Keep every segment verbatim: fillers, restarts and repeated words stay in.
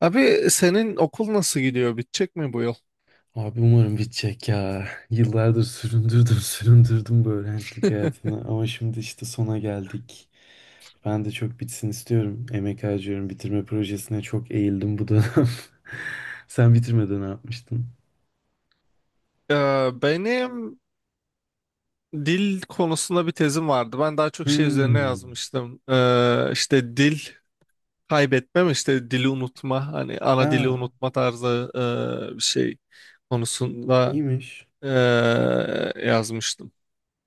Abi senin okul nasıl gidiyor? Bitecek mi bu yıl? Abi umarım bitecek ya. Yıllardır süründürdüm süründürdüm bu öğrencilik hayatını ama şimdi işte sona geldik. Ben de çok bitsin istiyorum. Emek harcıyorum. Bitirme projesine çok eğildim bu dönem. Sen bitirmeden ne yapmıştın? Ee, benim dil konusunda bir tezim vardı. Ben daha çok şey üzerine Hmm. yazmıştım. Ee, işte dil kaybetmem, işte dili unutma, hani ana dili Ya unutma tarzı e, bir şey konusunda iyiymiş. e, yazmıştım.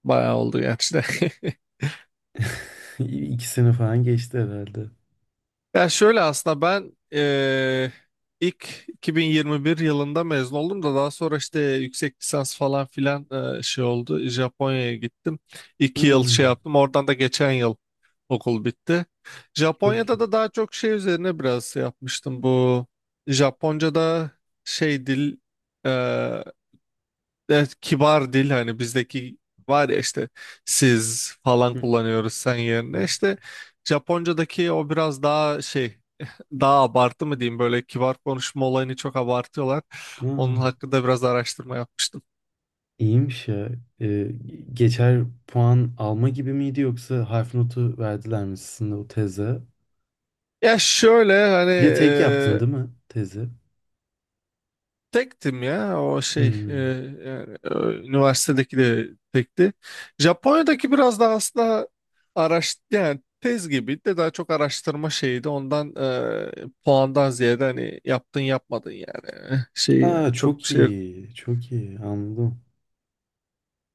Bayağı oldu gerçi de. İyi, İki sene falan geçti herhalde. Ya şöyle aslında ben eee, ilk iki bin yirmi bir yılında mezun oldum da daha sonra işte yüksek lisans falan filan eee, şey oldu. Japonya'ya gittim. İki yıl şey Hmm. yaptım. Oradan da geçen yıl okul bitti. Çok Japonya'da iyi. da daha çok şey üzerine biraz şey yapmıştım. Bu Japonca'da şey dil. Evet, kibar dil, hani bizdeki var ya işte, siz falan Hı kullanıyoruz sen yerine hı. işte. Japonca'daki o biraz daha şey, daha abartı mı diyeyim, böyle kibar konuşma olayını çok abartıyorlar. Aa, Onun hakkında biraz araştırma yapmıştım. iyiymiş ya. Ee, Geçer puan alma gibi miydi yoksa harf notu verdiler mi sizin de o teze? Ya şöyle hani, Bir de tek yaptın değil mi tezi? Tektim ya o şey, e, Hmm. yani, e, üniversitedeki de tekti. Japonya'daki biraz daha aslında araş yani tez gibi de daha çok araştırma şeydi. Ondan e, puandan ziyade hani yaptın yapmadın yani şey Aa, yani çok bir çok şey. iyi. Çok iyi. Anladım.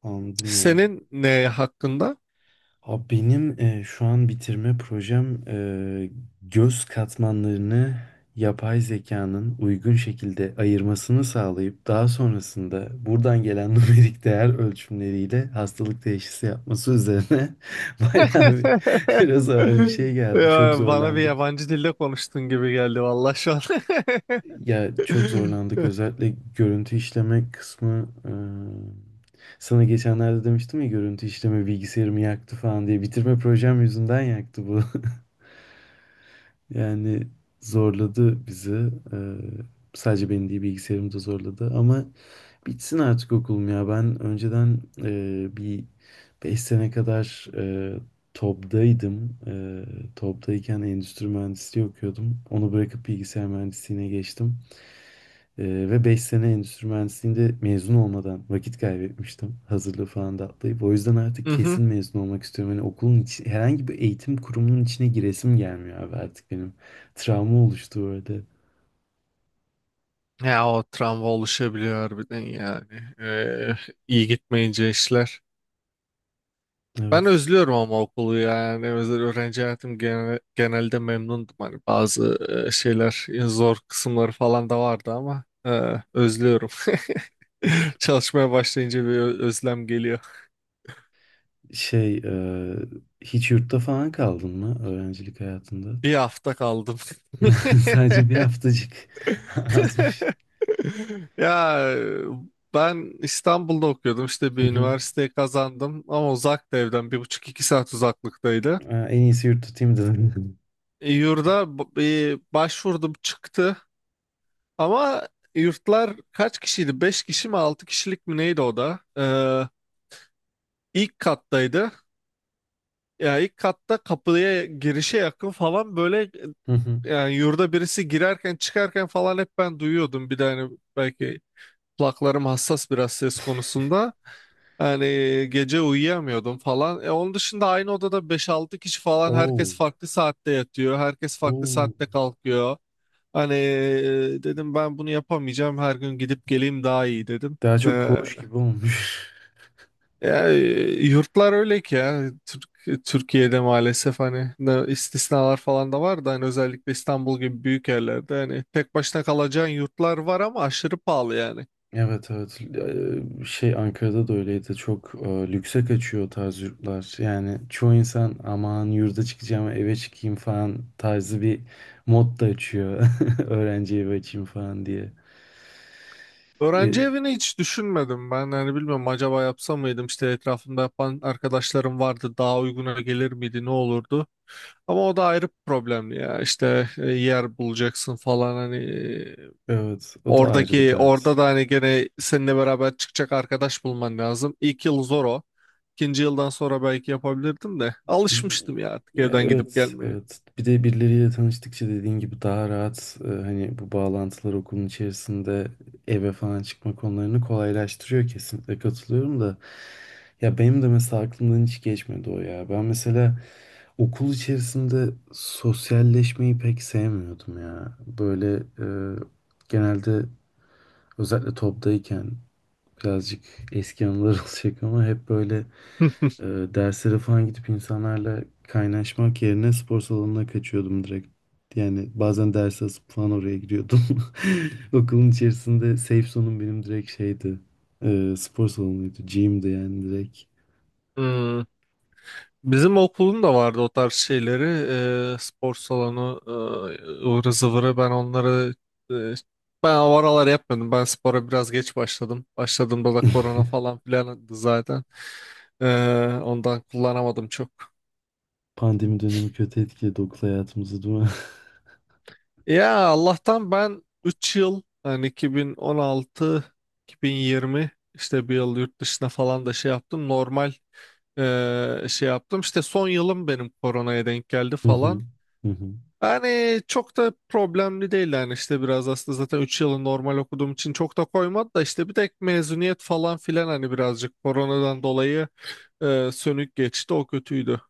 Anladım ya. Senin ne hakkında? Abi benim e, şu an bitirme projem e, göz katmanlarını yapay zekanın uygun şekilde ayırmasını sağlayıp daha sonrasında buradan gelen numerik değer ölçümleriyle hastalık teşhisi yapması üzerine, bayağı bir, biraz ağır bir şey geldi. Çok Ya, bana bir zorlandık. yabancı dilde konuştun gibi geldi vallahi şu an. Ya çok zorlandık, özellikle görüntü işleme kısmı. Eee, sana geçenlerde demiştim ya, görüntü işleme bilgisayarımı yaktı falan diye. Bitirme projem yüzünden yaktı bu. Yani zorladı bizi. Eee, Sadece beni değil, bilgisayarımı da zorladı. Ama bitsin artık okulum ya. Ben önceden eee, bir beş sene kadar eee TOBB'daydım. Eee TOBB'dayken endüstri mühendisliği okuyordum. Onu bırakıp bilgisayar mühendisliğine geçtim. Ee, ve beş sene endüstri mühendisliğinde mezun olmadan vakit kaybetmiştim. Hazırlığı falan da atlayıp. O yüzden artık Mhm. kesin mezun olmak istiyorum. Hani okulun içi, herhangi bir eğitim kurumunun içine giresim gelmiyor abi artık benim. Travma oluştu orada. Ya o travma oluşabiliyor harbiden yani. Ee, iyi gitmeyince işler. Ben Evet. özlüyorum ama okulu yani. Özel öğrenci hayatım gene- genelde memnundum. Hani bazı e, şeyler, e, zor kısımları falan da vardı ama e, özlüyorum. Çalışmaya başlayınca bir ö- özlem geliyor. Şey, e, Hiç yurtta falan kaldın mı öğrencilik hayatında? Bir hafta kaldım. Sadece bir haftacık, azmış. Ya ben İstanbul'da okuyordum, işte Hı bir hı. üniversiteyi kazandım ama uzaktı, evden bir buçuk iki saat uzaklıktaydı. Aa, en iyisi yurt tutayım dedim. E, Yurda b- e, başvurdum, çıktı ama yurtlar kaç kişiydi? Beş kişi mi altı kişilik mi neydi o da? Ee, ilk kattaydı. Ya ilk katta kapıya girişe yakın falan, böyle Hı hı. e, yani yurda birisi girerken çıkarken falan hep ben duyuyordum. Bir de hani belki kulaklarım hassas biraz ses konusunda. Yani gece uyuyamıyordum falan. E, onun dışında aynı odada beş altı kişi falan, herkes Oo, farklı saatte yatıyor. Herkes farklı oo. saatte kalkıyor. Hani e, dedim ben bunu yapamayacağım. Her gün gidip geleyim daha iyi dedim. Daha çok E, koğuş gibi olmuş. ya, e, yurtlar öyle ki ya. Türk, Türkiye'de maalesef hani ne- istisnalar falan da var da hani özellikle İstanbul gibi büyük yerlerde hani tek başına kalacağın yurtlar var ama aşırı pahalı yani. Evet, evet. Eee, şey, Ankara'da da öyleydi, çok eee, lükse kaçıyor o tarz yurtlar. Yani çoğu insan aman yurda çıkacağım, eve çıkayım falan tarzı bir mod da açıyor. Öğrenci evi açayım falan diye. Öğrenci E, evini hiç düşünmedim. Ben hani bilmiyorum, acaba yapsam mıydım? İşte etrafımda yapan arkadaşlarım vardı. Daha uyguna gelir miydi? Ne olurdu? Ama o da ayrı bir problem ya. İşte e, yer bulacaksın falan, hani e, evet, o da ayrı bir oradaki dert. orada da hani gene seninle beraber çıkacak arkadaş bulman lazım. İlk yıl zor o. İkinci yıldan sonra belki yapabilirdim de alışmıştım ya artık Ya evden gidip evet, gelmeye. evet. Bir de birileriyle tanıştıkça dediğin gibi daha rahat e, hani bu bağlantılar okulun içerisinde eve falan çıkma konularını kolaylaştırıyor, kesinlikle katılıyorum da. Ya benim de mesela aklımdan hiç geçmedi o ya. Ben mesela okul içerisinde sosyalleşmeyi pek sevmiyordum ya. Böyle, e, genelde özellikle toptayken birazcık eski anılar olacak ama hep böyle, e, derslere falan gidip insanlarla kaynaşmak yerine spor salonuna kaçıyordum direkt. Yani bazen ders asıp falan oraya giriyordum. Okulun içerisinde safe zone'um benim direkt şeydi. E, spor salonuydu. Gym'di yani direkt. Hmm. Bizim okulun da vardı o tarz şeyleri. Eee, spor salonu, eee, ıvırı zıvırı. Ben onları eee, ben o aralar yapmıyordum. Ben spora biraz geç başladım. Başladığımda da korona falan filandı zaten. Eee, ondan kullanamadım çok. Pandemi dönemi kötü etkiledi okul hayatımızı, değil mi? Ya Allah'tan ben üç yıl, yani iki bin on altı iki bin yirmi, işte bir yıl yurt dışına falan da şey yaptım. Normal eee, şey yaptım. İşte son yılım benim koronaya denk geldi Hı hı. falan. Hı hı. Yani çok da problemli değil yani, işte biraz aslında zaten üç yılı normal okuduğum için çok da koymadı da, işte bir tek mezuniyet falan filan hani birazcık koronadan dolayı e, sönük geçti, o kötüydü.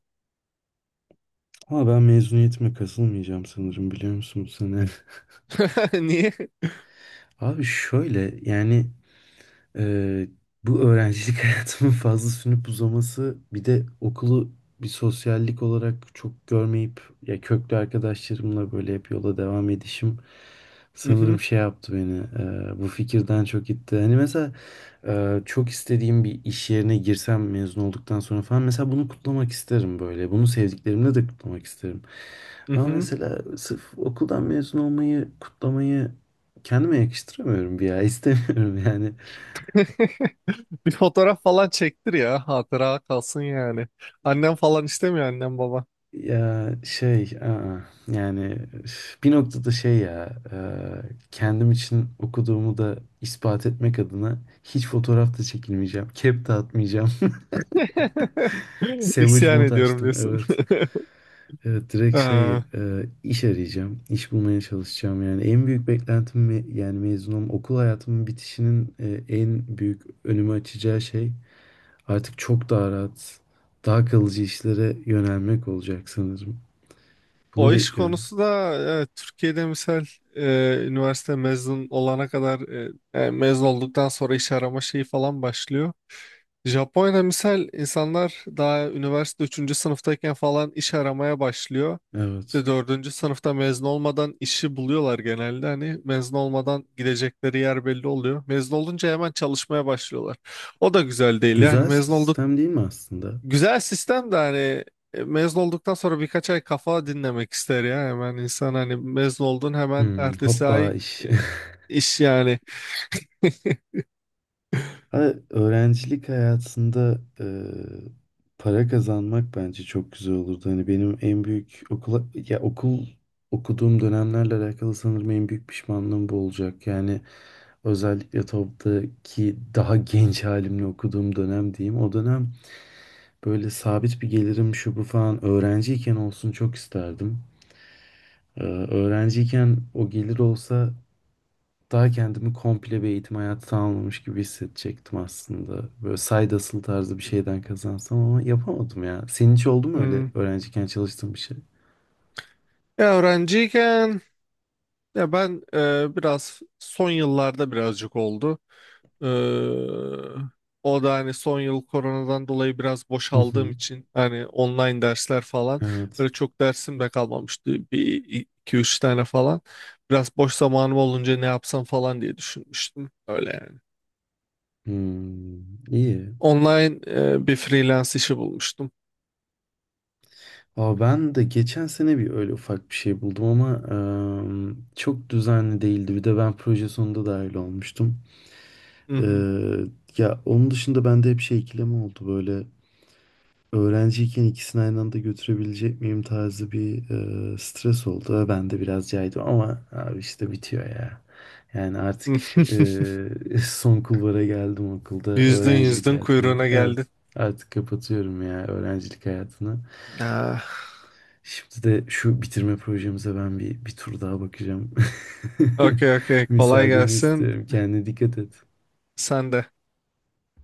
Ama ben mezuniyetime kasılmayacağım sanırım, biliyor musun, bu sene? Niye? Abi şöyle, yani, Ee, bu öğrencilik hayatımın fazla sünüp uzaması, bir de okulu bir sosyallik olarak çok görmeyip, ya köklü arkadaşlarımla böyle hep yola devam edişim Mhm, sanırım şey yaptı beni, e, bu fikirden çok itti. Hani mesela, e, çok istediğim bir iş yerine girsem mezun olduktan sonra falan, mesela bunu kutlamak isterim böyle. Bunu sevdiklerimle de kutlamak isterim. Ama mhm. mesela sırf okuldan mezun olmayı kutlamayı kendime yakıştıramıyorum bir ya, istemiyorum yani. Bir fotoğraf falan çektir ya, hatıra kalsın yani. Annem falan istemiyor, annem baba. Ya şey, aa, yani üf, bir noktada şey ya, e, kendim için okuduğumu da ispat etmek adına hiç fotoğraf da çekilmeyeceğim. Kep de atmayacağım. Savage İsyan mode ediyorum açtım, diyorsun. evet. Evet, direkt şey, e, Ee, iş arayacağım. İş bulmaya çalışacağım yani. En büyük beklentim me- yani mezun olma, okul hayatımın bitişinin, e, en büyük önümü açacağı şey, artık çok daha rahat, daha kalıcı işlere yönelmek olacak sanırım. Bunu O iş bekliyorum. konusu da evet, Türkiye'de misal e, üniversite mezun olana kadar, e, e, mezun olduktan sonra iş arama şeyi falan başlıyor. Japonya'da misal insanlar daha üniversite üçüncü sınıftayken falan iş aramaya başlıyor. Evet. İşte dördüncü sınıfta mezun olmadan işi buluyorlar genelde. Hani mezun olmadan gidecekleri yer belli oluyor. Mezun olunca hemen çalışmaya başlıyorlar. O da güzel değil. Yani Güzel mezun. sistem değil mi aslında? Güzel sistem de hani e, mezun olduktan sonra birkaç ay kafa dinlemek ister ya hemen insan, hani mezun oldun hemen Hmm, ertesi hoppa ay iş. e, iş yani. Ha, öğrencilik hayatında, e, para kazanmak bence çok güzel olurdu. Hani benim en büyük okula ya okul okuduğum dönemlerle alakalı sanırım en büyük pişmanlığım bu olacak. Yani özellikle TOBB'daki daha genç halimle okuduğum dönem diyeyim. O dönem böyle sabit bir gelirim, şu bu falan, öğrenciyken olsun çok isterdim. Ee, Öğrenciyken o gelir olsa daha kendimi komple bir eğitim hayatı tamamlamış gibi hissedecektim aslında. Böyle side hustle tarzı bir şeyden kazansam, ama yapamadım ya. Senin hiç oldu mu öyle Hmm. öğrenciyken çalıştığın bir şey? Ya öğrenciyken, ya ben e, biraz son yıllarda birazcık oldu. Ee, O da hani son yıl koronadan dolayı biraz Hı boşaldığım hı. için, hani online dersler falan, Evet. böyle çok dersim de kalmamıştı, bir iki üç tane falan. Biraz boş zamanım olunca ne yapsam falan diye düşünmüştüm. Öyle yani. Hmm, iyi. Online e, bir freelance işi bulmuştum. Aa, ben de geçen sene bir öyle ufak bir şey buldum ama em, çok düzenli değildi. Bir de ben proje sonunda dahil olmuştum. Hı hı. Eee, Ya onun dışında bende hep şey, ikileme oldu böyle. Öğrenciyken ikisini aynı anda götürebilecek miyim tarzı bir, e, stres oldu. Ve ben de biraz caydım ama abi işte bitiyor ya. Yani artık, e, son kulvara geldim okulda, Yüzdün öğrencilik yüzdün hayatına. kuyruğuna Evet, geldin. artık kapatıyorum ya öğrencilik hayatını. Ah, Şimdi de şu bitirme projemize ben bir, bir tur daha bakacağım. okey okey, kolay Müsaadeni gelsin. istiyorum. Kendine dikkat et. Sen de.